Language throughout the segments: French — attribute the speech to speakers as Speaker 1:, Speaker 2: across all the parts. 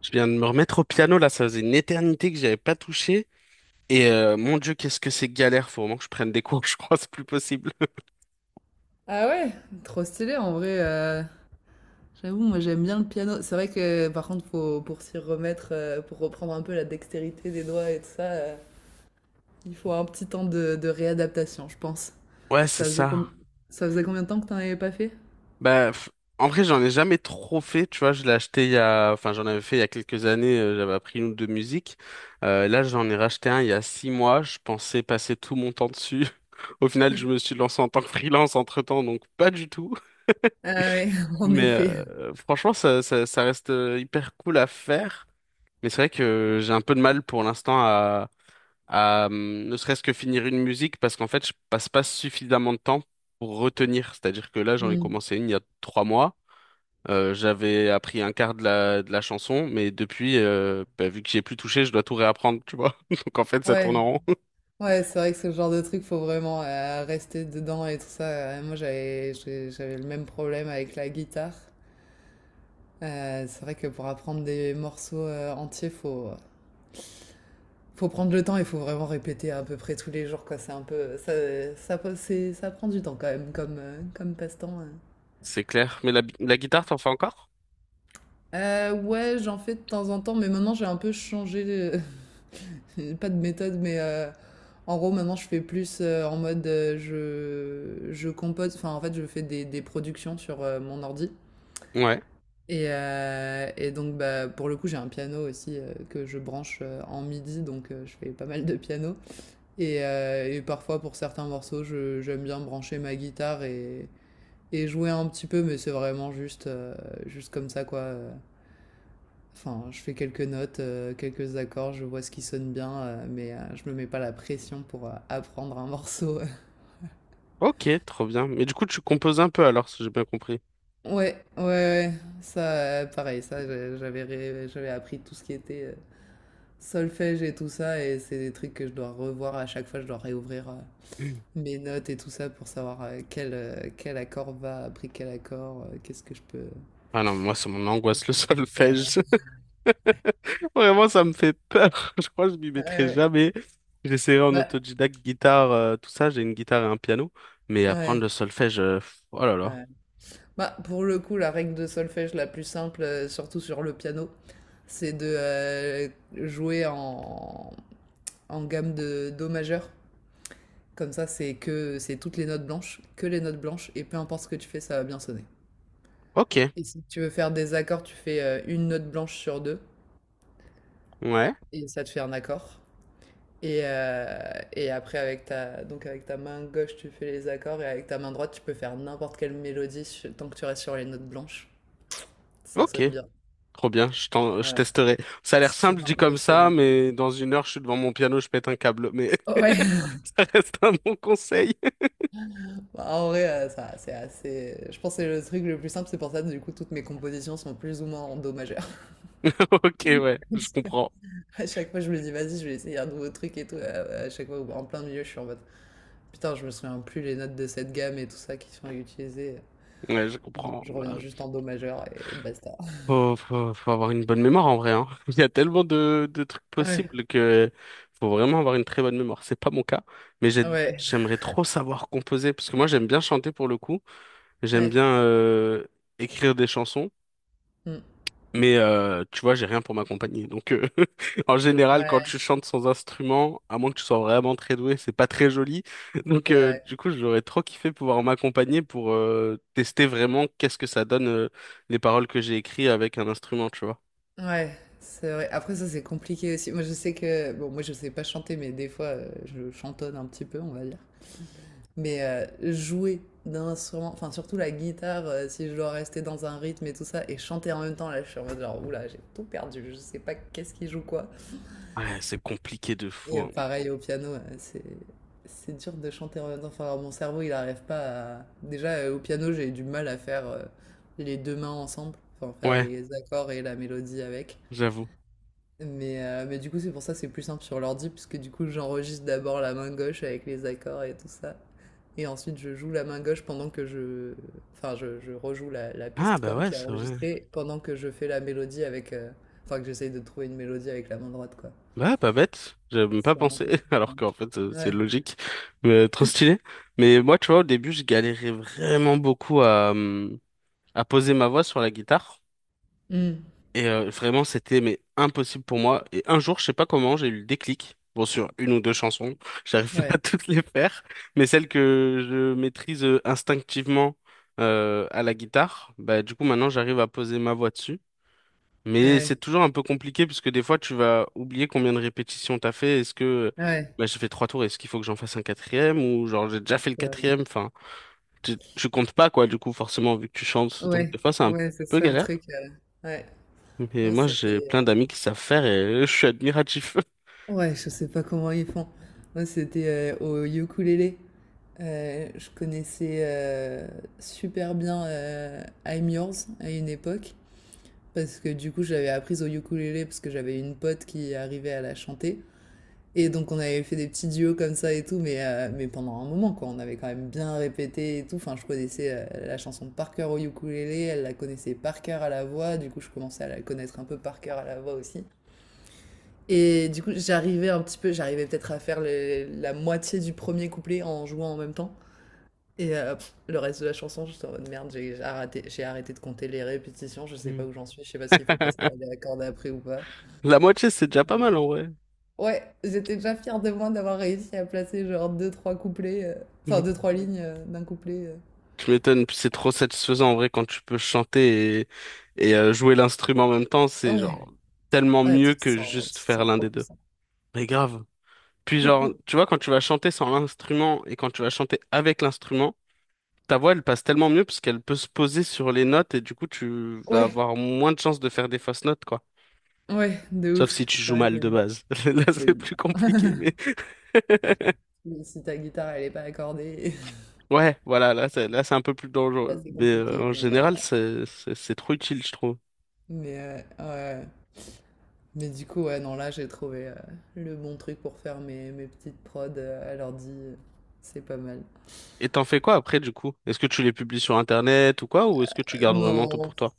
Speaker 1: Je viens de me remettre au piano là, ça faisait une éternité que j'avais pas touché. Et mon Dieu, qu'est-ce que c'est galère, faut vraiment que je prenne des cours, je crois, c'est plus possible.
Speaker 2: Ah ouais, trop stylé en vrai. J'avoue, moi j'aime bien le piano. C'est vrai que par contre, faut, pour s'y remettre, pour reprendre un peu la dextérité des doigts et tout ça, il faut un petit temps de réadaptation, je pense.
Speaker 1: Ouais, c'est
Speaker 2: Ça faisait,
Speaker 1: ça.
Speaker 2: ça faisait combien de temps que t'en avais pas fait?
Speaker 1: Bah, en vrai, j'en ai jamais trop fait, tu vois, je l'ai acheté il y a, enfin, j'en avais fait il y a quelques années, j'avais appris une ou deux musiques. Là, j'en ai racheté un il y a 6 mois, je pensais passer tout mon temps dessus. Au final, je me suis lancé en tant que freelance entre-temps, donc pas du tout.
Speaker 2: Ah ouais, en
Speaker 1: Mais
Speaker 2: effet.
Speaker 1: euh, franchement, ça reste hyper cool à faire. Mais c'est vrai que j'ai un peu de mal pour l'instant à ne serait-ce que finir une musique parce qu'en fait je passe pas suffisamment de temps pour retenir. C'est-à-dire que là j'en ai
Speaker 2: Hmm.
Speaker 1: commencé une il y a 3 mois. J'avais appris un quart de la chanson, mais depuis, bah, vu que j'y ai plus touché, je dois tout réapprendre, tu vois. Donc en fait ça tourne
Speaker 2: Ouais,
Speaker 1: en rond.
Speaker 2: ouais, c'est vrai que ce genre de truc, faut vraiment rester dedans et tout ça. Moi, j'avais le même problème avec la guitare. C'est vrai que pour apprendre des morceaux entiers, faut prendre le temps, il faut vraiment répéter à peu près tous les jours, quoi. C'est un peu. Ça prend du temps quand même, comme passe-temps.
Speaker 1: C'est clair. Mais la guitare, t'en fais encore?
Speaker 2: Ouais, j'en fais de temps en temps, mais maintenant j'ai un peu changé. Pas de méthode, mais en gros, maintenant je fais plus en mode je compose. Enfin, en fait, je fais des productions sur mon ordi.
Speaker 1: Ouais.
Speaker 2: Et donc, bah, pour le coup, j'ai un piano aussi que je branche en MIDI, donc je fais pas mal de piano. Et parfois, pour certains morceaux, j'aime bien brancher ma guitare et jouer un petit peu, mais c'est vraiment juste, juste comme ça, quoi. Enfin, je fais quelques notes, quelques accords, je vois ce qui sonne bien, je me mets pas la pression pour apprendre un morceau.
Speaker 1: Ok, trop bien. Mais du coup tu composes un peu alors, si j'ai bien compris.
Speaker 2: Ouais, ouais, ouais, ça, pareil, ça, j'avais appris tout ce qui était solfège et tout ça, et c'est des trucs que je dois revoir à chaque fois, je dois réouvrir.
Speaker 1: Mm.
Speaker 2: Mes notes et tout ça pour savoir quel accord va après quel accord, qu'est-ce que je peux,
Speaker 1: Ah non, moi c'est mon angoisse,
Speaker 2: qu'est-ce
Speaker 1: le
Speaker 2: que je peux faire.
Speaker 1: solfège. Vraiment, ça me fait peur. Je crois que je m'y mettrai
Speaker 2: Euh,
Speaker 1: jamais. J'essaierai en
Speaker 2: bah,
Speaker 1: autodidacte, guitare, tout ça. J'ai une guitare et un piano. Mais apprendre le
Speaker 2: ouais,
Speaker 1: solfège, pff, oh là là.
Speaker 2: ouais. Bah, pour le coup, la règle de solfège la plus simple, surtout sur le piano, c'est de jouer en gamme de do majeur. Comme ça, c'est que c'est toutes les notes blanches, que les notes blanches, et peu importe ce que tu fais, ça va bien sonner.
Speaker 1: Ok,
Speaker 2: Et si tu veux faire des accords, tu fais une note blanche sur deux,
Speaker 1: ouais,
Speaker 2: et ça te fait un accord. Et après, avec ta, donc avec ta main gauche, tu fais les accords et avec ta main droite, tu peux faire n'importe quelle mélodie tant que tu restes sur les notes blanches. Ça
Speaker 1: ok.
Speaker 2: sonne bien.
Speaker 1: Trop bien, je
Speaker 2: Voilà.
Speaker 1: testerai. Ça a l'air
Speaker 2: C'est
Speaker 1: simple
Speaker 2: super
Speaker 1: dit comme ça,
Speaker 2: impressionnant.
Speaker 1: mais dans une heure, je suis devant mon piano, je pète un câble. Mais
Speaker 2: Ouais.
Speaker 1: ça reste un bon conseil.
Speaker 2: Bah, en vrai, ça, c'est assez. Je pense que c'est le truc le plus simple. C'est pour ça que du coup, toutes mes compositions sont plus ou moins en do majeur.
Speaker 1: Ok, ouais, je comprends.
Speaker 2: À chaque fois, je me dis, vas-y, je vais essayer un nouveau truc et tout. À chaque fois, en plein milieu, je suis en mode, putain, je me souviens plus les notes de cette gamme et tout ça qui sont utilisées.
Speaker 1: Ouais, je comprends.
Speaker 2: Je reviens
Speaker 1: Bah,
Speaker 2: juste en do majeur et basta.
Speaker 1: faut, faut, faut avoir une bonne mémoire en vrai, hein. Il y a tellement de trucs
Speaker 2: Ouais.
Speaker 1: possibles que faut vraiment avoir une très bonne mémoire. C'est pas mon cas, mais
Speaker 2: Ouais,
Speaker 1: j'aimerais trop savoir composer parce que moi j'aime bien chanter pour le coup. J'aime
Speaker 2: ouais,
Speaker 1: bien écrire des chansons,
Speaker 2: mm.
Speaker 1: mais tu vois, j'ai rien pour m'accompagner. En général, quand
Speaker 2: Ouais,
Speaker 1: tu chantes sans instrument, à moins que tu sois vraiment très doué, c'est pas très joli.
Speaker 2: c'est vrai.
Speaker 1: Du coup, j'aurais trop kiffé pouvoir m'accompagner pour tester vraiment qu'est-ce que ça donne les paroles que j'ai écrites avec un instrument, tu vois.
Speaker 2: Ouais, c'est vrai. Après ça, c'est compliqué aussi. Moi, je sais que... Bon, moi, je sais pas chanter, mais des fois, je chantonne un petit peu, on va dire. Mais jouer d'un instrument, enfin, surtout la guitare, si je dois rester dans un rythme et tout ça, et chanter en même temps, là, je suis en mode genre, oula, j'ai tout perdu, je sais pas qu'est-ce qui joue quoi.
Speaker 1: Ouais, c'est compliqué de fou,
Speaker 2: Et
Speaker 1: hein.
Speaker 2: pareil au piano, c'est dur de chanter en même temps. Enfin, mon cerveau, il n'arrive pas à. Déjà, au piano, j'ai du mal à faire les deux mains ensemble, enfin faire
Speaker 1: Ouais,
Speaker 2: les accords et la mélodie avec.
Speaker 1: j'avoue.
Speaker 2: Mais du coup, c'est pour ça que c'est plus simple sur l'ordi, puisque du coup, j'enregistre d'abord la main gauche avec les accords et tout ça. Et ensuite, je joue la main gauche pendant que je... Enfin, je rejoue la
Speaker 1: Ah
Speaker 2: piste,
Speaker 1: bah
Speaker 2: quoi,
Speaker 1: ouais,
Speaker 2: qui est
Speaker 1: c'est vrai.
Speaker 2: enregistrée, pendant que je fais la mélodie avec... Enfin, que j'essaye de trouver une mélodie avec la main droite, quoi.
Speaker 1: Bah pas bête. J'avais même pas
Speaker 2: C'est un
Speaker 1: pensé,
Speaker 2: peu plus
Speaker 1: alors qu'en
Speaker 2: simple.
Speaker 1: fait c'est
Speaker 2: Ouais.
Speaker 1: logique, mais trop stylé. Mais moi, tu vois, au début, je galérais vraiment beaucoup à poser ma voix sur la guitare
Speaker 2: Mm.
Speaker 1: et vraiment c'était mais impossible pour moi. Et un jour, je sais pas comment, j'ai eu le déclic. Bon, sur une ou deux chansons, j'arrive pas à
Speaker 2: Ouais,
Speaker 1: toutes les faire, mais celles que je maîtrise instinctivement à la guitare, bah du coup maintenant j'arrive à poser ma voix dessus. Mais
Speaker 2: ouais,
Speaker 1: c'est toujours un peu compliqué puisque des fois tu vas oublier combien de répétitions t'as fait. Est-ce que
Speaker 2: ouais,
Speaker 1: bah, j'ai fait trois tours, est-ce qu'il faut que j'en fasse un quatrième ou genre j'ai déjà fait le
Speaker 2: ça-
Speaker 1: quatrième? Enfin, tu comptes pas quoi du coup forcément vu que tu chantes. Donc
Speaker 2: ouais,
Speaker 1: des fois c'est un
Speaker 2: ouais, c'est
Speaker 1: peu
Speaker 2: ça le
Speaker 1: galère.
Speaker 2: truc. Ouais,
Speaker 1: Mais
Speaker 2: moi
Speaker 1: moi j'ai
Speaker 2: c'était.
Speaker 1: plein d'amis qui savent faire et je suis admiratif.
Speaker 2: Ouais, je sais pas comment ils font. Moi c'était au ukulélé. Je connaissais super bien I'm Yours à une époque. Parce que du coup, j'avais appris au ukulélé parce que j'avais une pote qui arrivait à la chanter. Et donc on avait fait des petits duos comme ça et tout, mais pendant un moment quoi, on avait quand même bien répété et tout. Enfin, je connaissais la chanson par cœur au ukulélé, elle la connaissait par cœur à la voix, du coup je commençais à la connaître un peu par cœur à la voix aussi. Et du coup j'arrivais peut-être à faire la moitié du premier couplet en jouant en même temps. Et le reste de la chanson, j'étais en mode merde, j'ai arrêté de compter les répétitions, je sais pas
Speaker 1: Mm.
Speaker 2: où j'en suis, je sais pas s'il faut passer à la corde après ou pas.
Speaker 1: La moitié c'est déjà
Speaker 2: Euh,
Speaker 1: pas mal en vrai.
Speaker 2: Ouais, j'étais déjà fière de moi d'avoir réussi à placer genre deux, trois couplets, enfin
Speaker 1: Mm.
Speaker 2: deux, trois lignes d'un couplet.
Speaker 1: Tu m'étonnes, puis c'est trop satisfaisant en vrai quand tu peux chanter et jouer l'instrument en même temps. C'est genre
Speaker 2: Ouais,
Speaker 1: tellement
Speaker 2: ouais,
Speaker 1: mieux que juste
Speaker 2: tu te
Speaker 1: faire
Speaker 2: sens
Speaker 1: l'un
Speaker 2: trop
Speaker 1: des deux.
Speaker 2: puissant.
Speaker 1: Mais grave. Puis genre, tu vois, quand tu vas chanter sans l'instrument et quand tu vas chanter avec l'instrument, ta voix, elle passe tellement mieux parce qu'elle peut se poser sur les notes et du coup, tu vas
Speaker 2: Ouais,
Speaker 1: avoir moins de chances de faire des fausses notes, quoi.
Speaker 2: ouais, de
Speaker 1: Sauf
Speaker 2: ouf.
Speaker 1: si tu
Speaker 2: C'est
Speaker 1: joues
Speaker 2: vrai
Speaker 1: mal de
Speaker 2: que
Speaker 1: base. Là, c'est
Speaker 2: oui. Bon.
Speaker 1: plus compliqué, mais
Speaker 2: Mais si ta guitare elle est pas accordée,
Speaker 1: ouais, voilà, c'est un peu plus
Speaker 2: là
Speaker 1: dangereux.
Speaker 2: c'est
Speaker 1: Mais
Speaker 2: compliqué.
Speaker 1: en général, c'est trop utile, je trouve.
Speaker 2: Ouais. Ouais. Mais du coup, ouais, non, là j'ai trouvé le bon truc pour faire mes petites prods à l'ordi. C'est pas mal.
Speaker 1: Et t'en fais quoi après, du coup? Est-ce que tu les publies sur Internet ou quoi, ou est-ce que tu gardes vraiment tout pour
Speaker 2: Non,
Speaker 1: toi?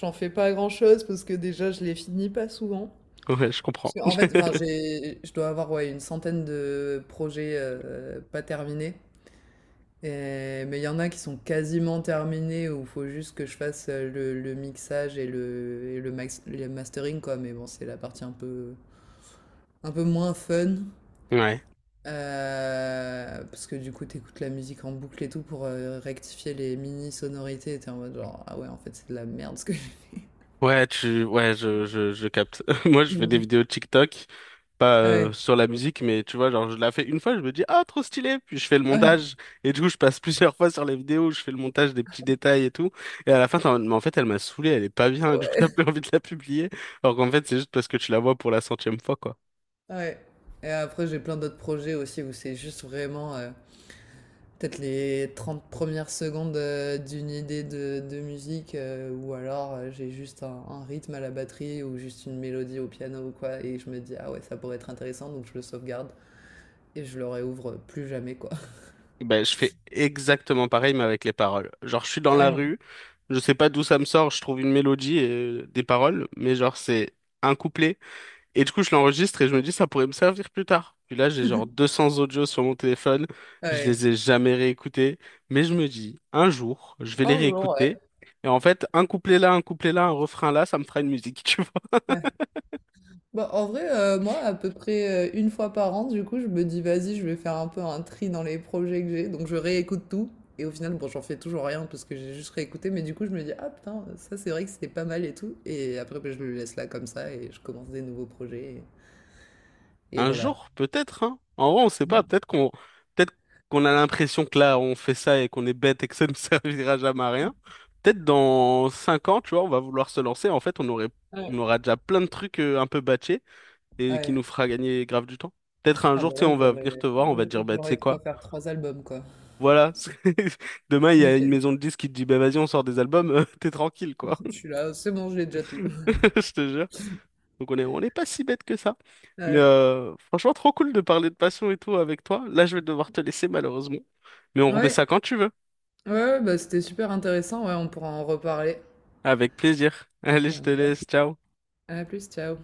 Speaker 2: j'en fais pas grand-chose parce que déjà je les finis pas souvent.
Speaker 1: Ouais, je
Speaker 2: Parce
Speaker 1: comprends.
Speaker 2: qu'en fait, enfin, je dois avoir ouais, une centaine de projets pas terminés. Mais il y en a qui sont quasiment terminés où il faut juste que je fasse le mixage et le mastering, quoi. Mais bon, c'est la partie un peu moins fun.
Speaker 1: Ouais.
Speaker 2: Parce que du coup, t'écoutes la musique en boucle et tout pour rectifier les mini sonorités. Et t'es en mode genre, ah ouais, en fait, c'est de la merde ce que j'ai.
Speaker 1: Ouais, ouais, je capte. Moi, je fais des
Speaker 2: Mhm.
Speaker 1: vidéos TikTok, pas
Speaker 2: Ouais,
Speaker 1: sur la musique, mais tu vois, genre, je la fais une fois, je me dis, ah, trop stylé, puis je fais le
Speaker 2: ouais,
Speaker 1: montage, et du coup, je passe plusieurs fois sur les vidéos, je fais le montage des petits détails et tout, et à la fin, t'es en mode, mais en fait, elle m'a saoulé, elle est pas bien, du coup, t'as
Speaker 2: ouais.
Speaker 1: plus envie de la publier, alors qu'en fait, c'est juste parce que tu la vois pour la 100e fois, quoi.
Speaker 2: Ouais. Et après, j'ai plein d'autres projets aussi où c'est juste vraiment peut-être les 30 premières secondes d'une idée de musique ou alors j'ai juste un rythme à la batterie ou juste une mélodie au piano ou quoi et je me dis ah ouais, ça pourrait être intéressant donc je le sauvegarde et je le réouvre plus jamais quoi.
Speaker 1: Ben, je fais exactement pareil, mais avec les paroles. Genre, je suis dans la
Speaker 2: Ouais.
Speaker 1: rue, je sais pas d'où ça me sort, je trouve une mélodie et des paroles, mais genre, c'est un couplet. Et du coup, je l'enregistre et je me dis, ça pourrait me servir plus tard. Puis là, j'ai genre 200 audios sur mon téléphone. Je
Speaker 2: Ouais.
Speaker 1: les ai jamais réécoutés. Mais je me dis, un jour, je vais les
Speaker 2: Un jour, ouais.
Speaker 1: réécouter. Et en fait, un couplet là, un couplet là, un refrain là, ça me fera une musique, tu vois.
Speaker 2: Ouais. Bah, en vrai, moi, à peu près une fois par an, du coup, je me dis, vas-y, je vais faire un peu un tri dans les projets que j'ai. Donc, je réécoute tout. Et au final, bon, j'en fais toujours rien parce que j'ai juste réécouté. Mais du coup, je me dis, ah putain, ça, c'est vrai que c'était pas mal et tout. Et après, bah, je le laisse là comme ça et je commence des nouveaux projets. Et
Speaker 1: Un
Speaker 2: voilà.
Speaker 1: jour, peut-être, hein. En vrai, on sait pas. Peut-être qu'on a l'impression que là, on fait ça et qu'on est bête et que ça ne servira jamais à rien. Peut-être dans 5 ans, tu vois, on va vouloir se lancer. En fait,
Speaker 2: Ouais.
Speaker 1: on aura déjà plein de trucs un peu batchés et qui nous
Speaker 2: Ouais.
Speaker 1: fera gagner grave du temps. Peut-être un
Speaker 2: Ah,
Speaker 1: jour,
Speaker 2: bah
Speaker 1: tu sais,
Speaker 2: là,
Speaker 1: on va venir te voir, on va te dire, bah, tu
Speaker 2: j'aurais
Speaker 1: sais
Speaker 2: de quoi
Speaker 1: quoi?
Speaker 2: faire 3 albums, quoi.
Speaker 1: Voilà, demain, il y a une
Speaker 2: Nickel.
Speaker 1: maison de disques qui te dit, bah, vas-y, on sort des albums, t'es tranquille, quoi.
Speaker 2: Je suis là, c'est bon, j'ai déjà tout.
Speaker 1: Je te jure. Donc, on est pas si bête que ça. Mais
Speaker 2: Ouais.
Speaker 1: euh, franchement, trop cool de parler de passion et tout avec toi. Là, je vais devoir te laisser, malheureusement. Mais on remet ça
Speaker 2: Ouais,
Speaker 1: quand tu veux.
Speaker 2: ouais, ouais, bah, c'était super intéressant. Ouais, on pourra en reparler.
Speaker 1: Avec plaisir. Allez,
Speaker 2: Ça
Speaker 1: je te
Speaker 2: me va.
Speaker 1: laisse. Ciao.
Speaker 2: À plus, ciao.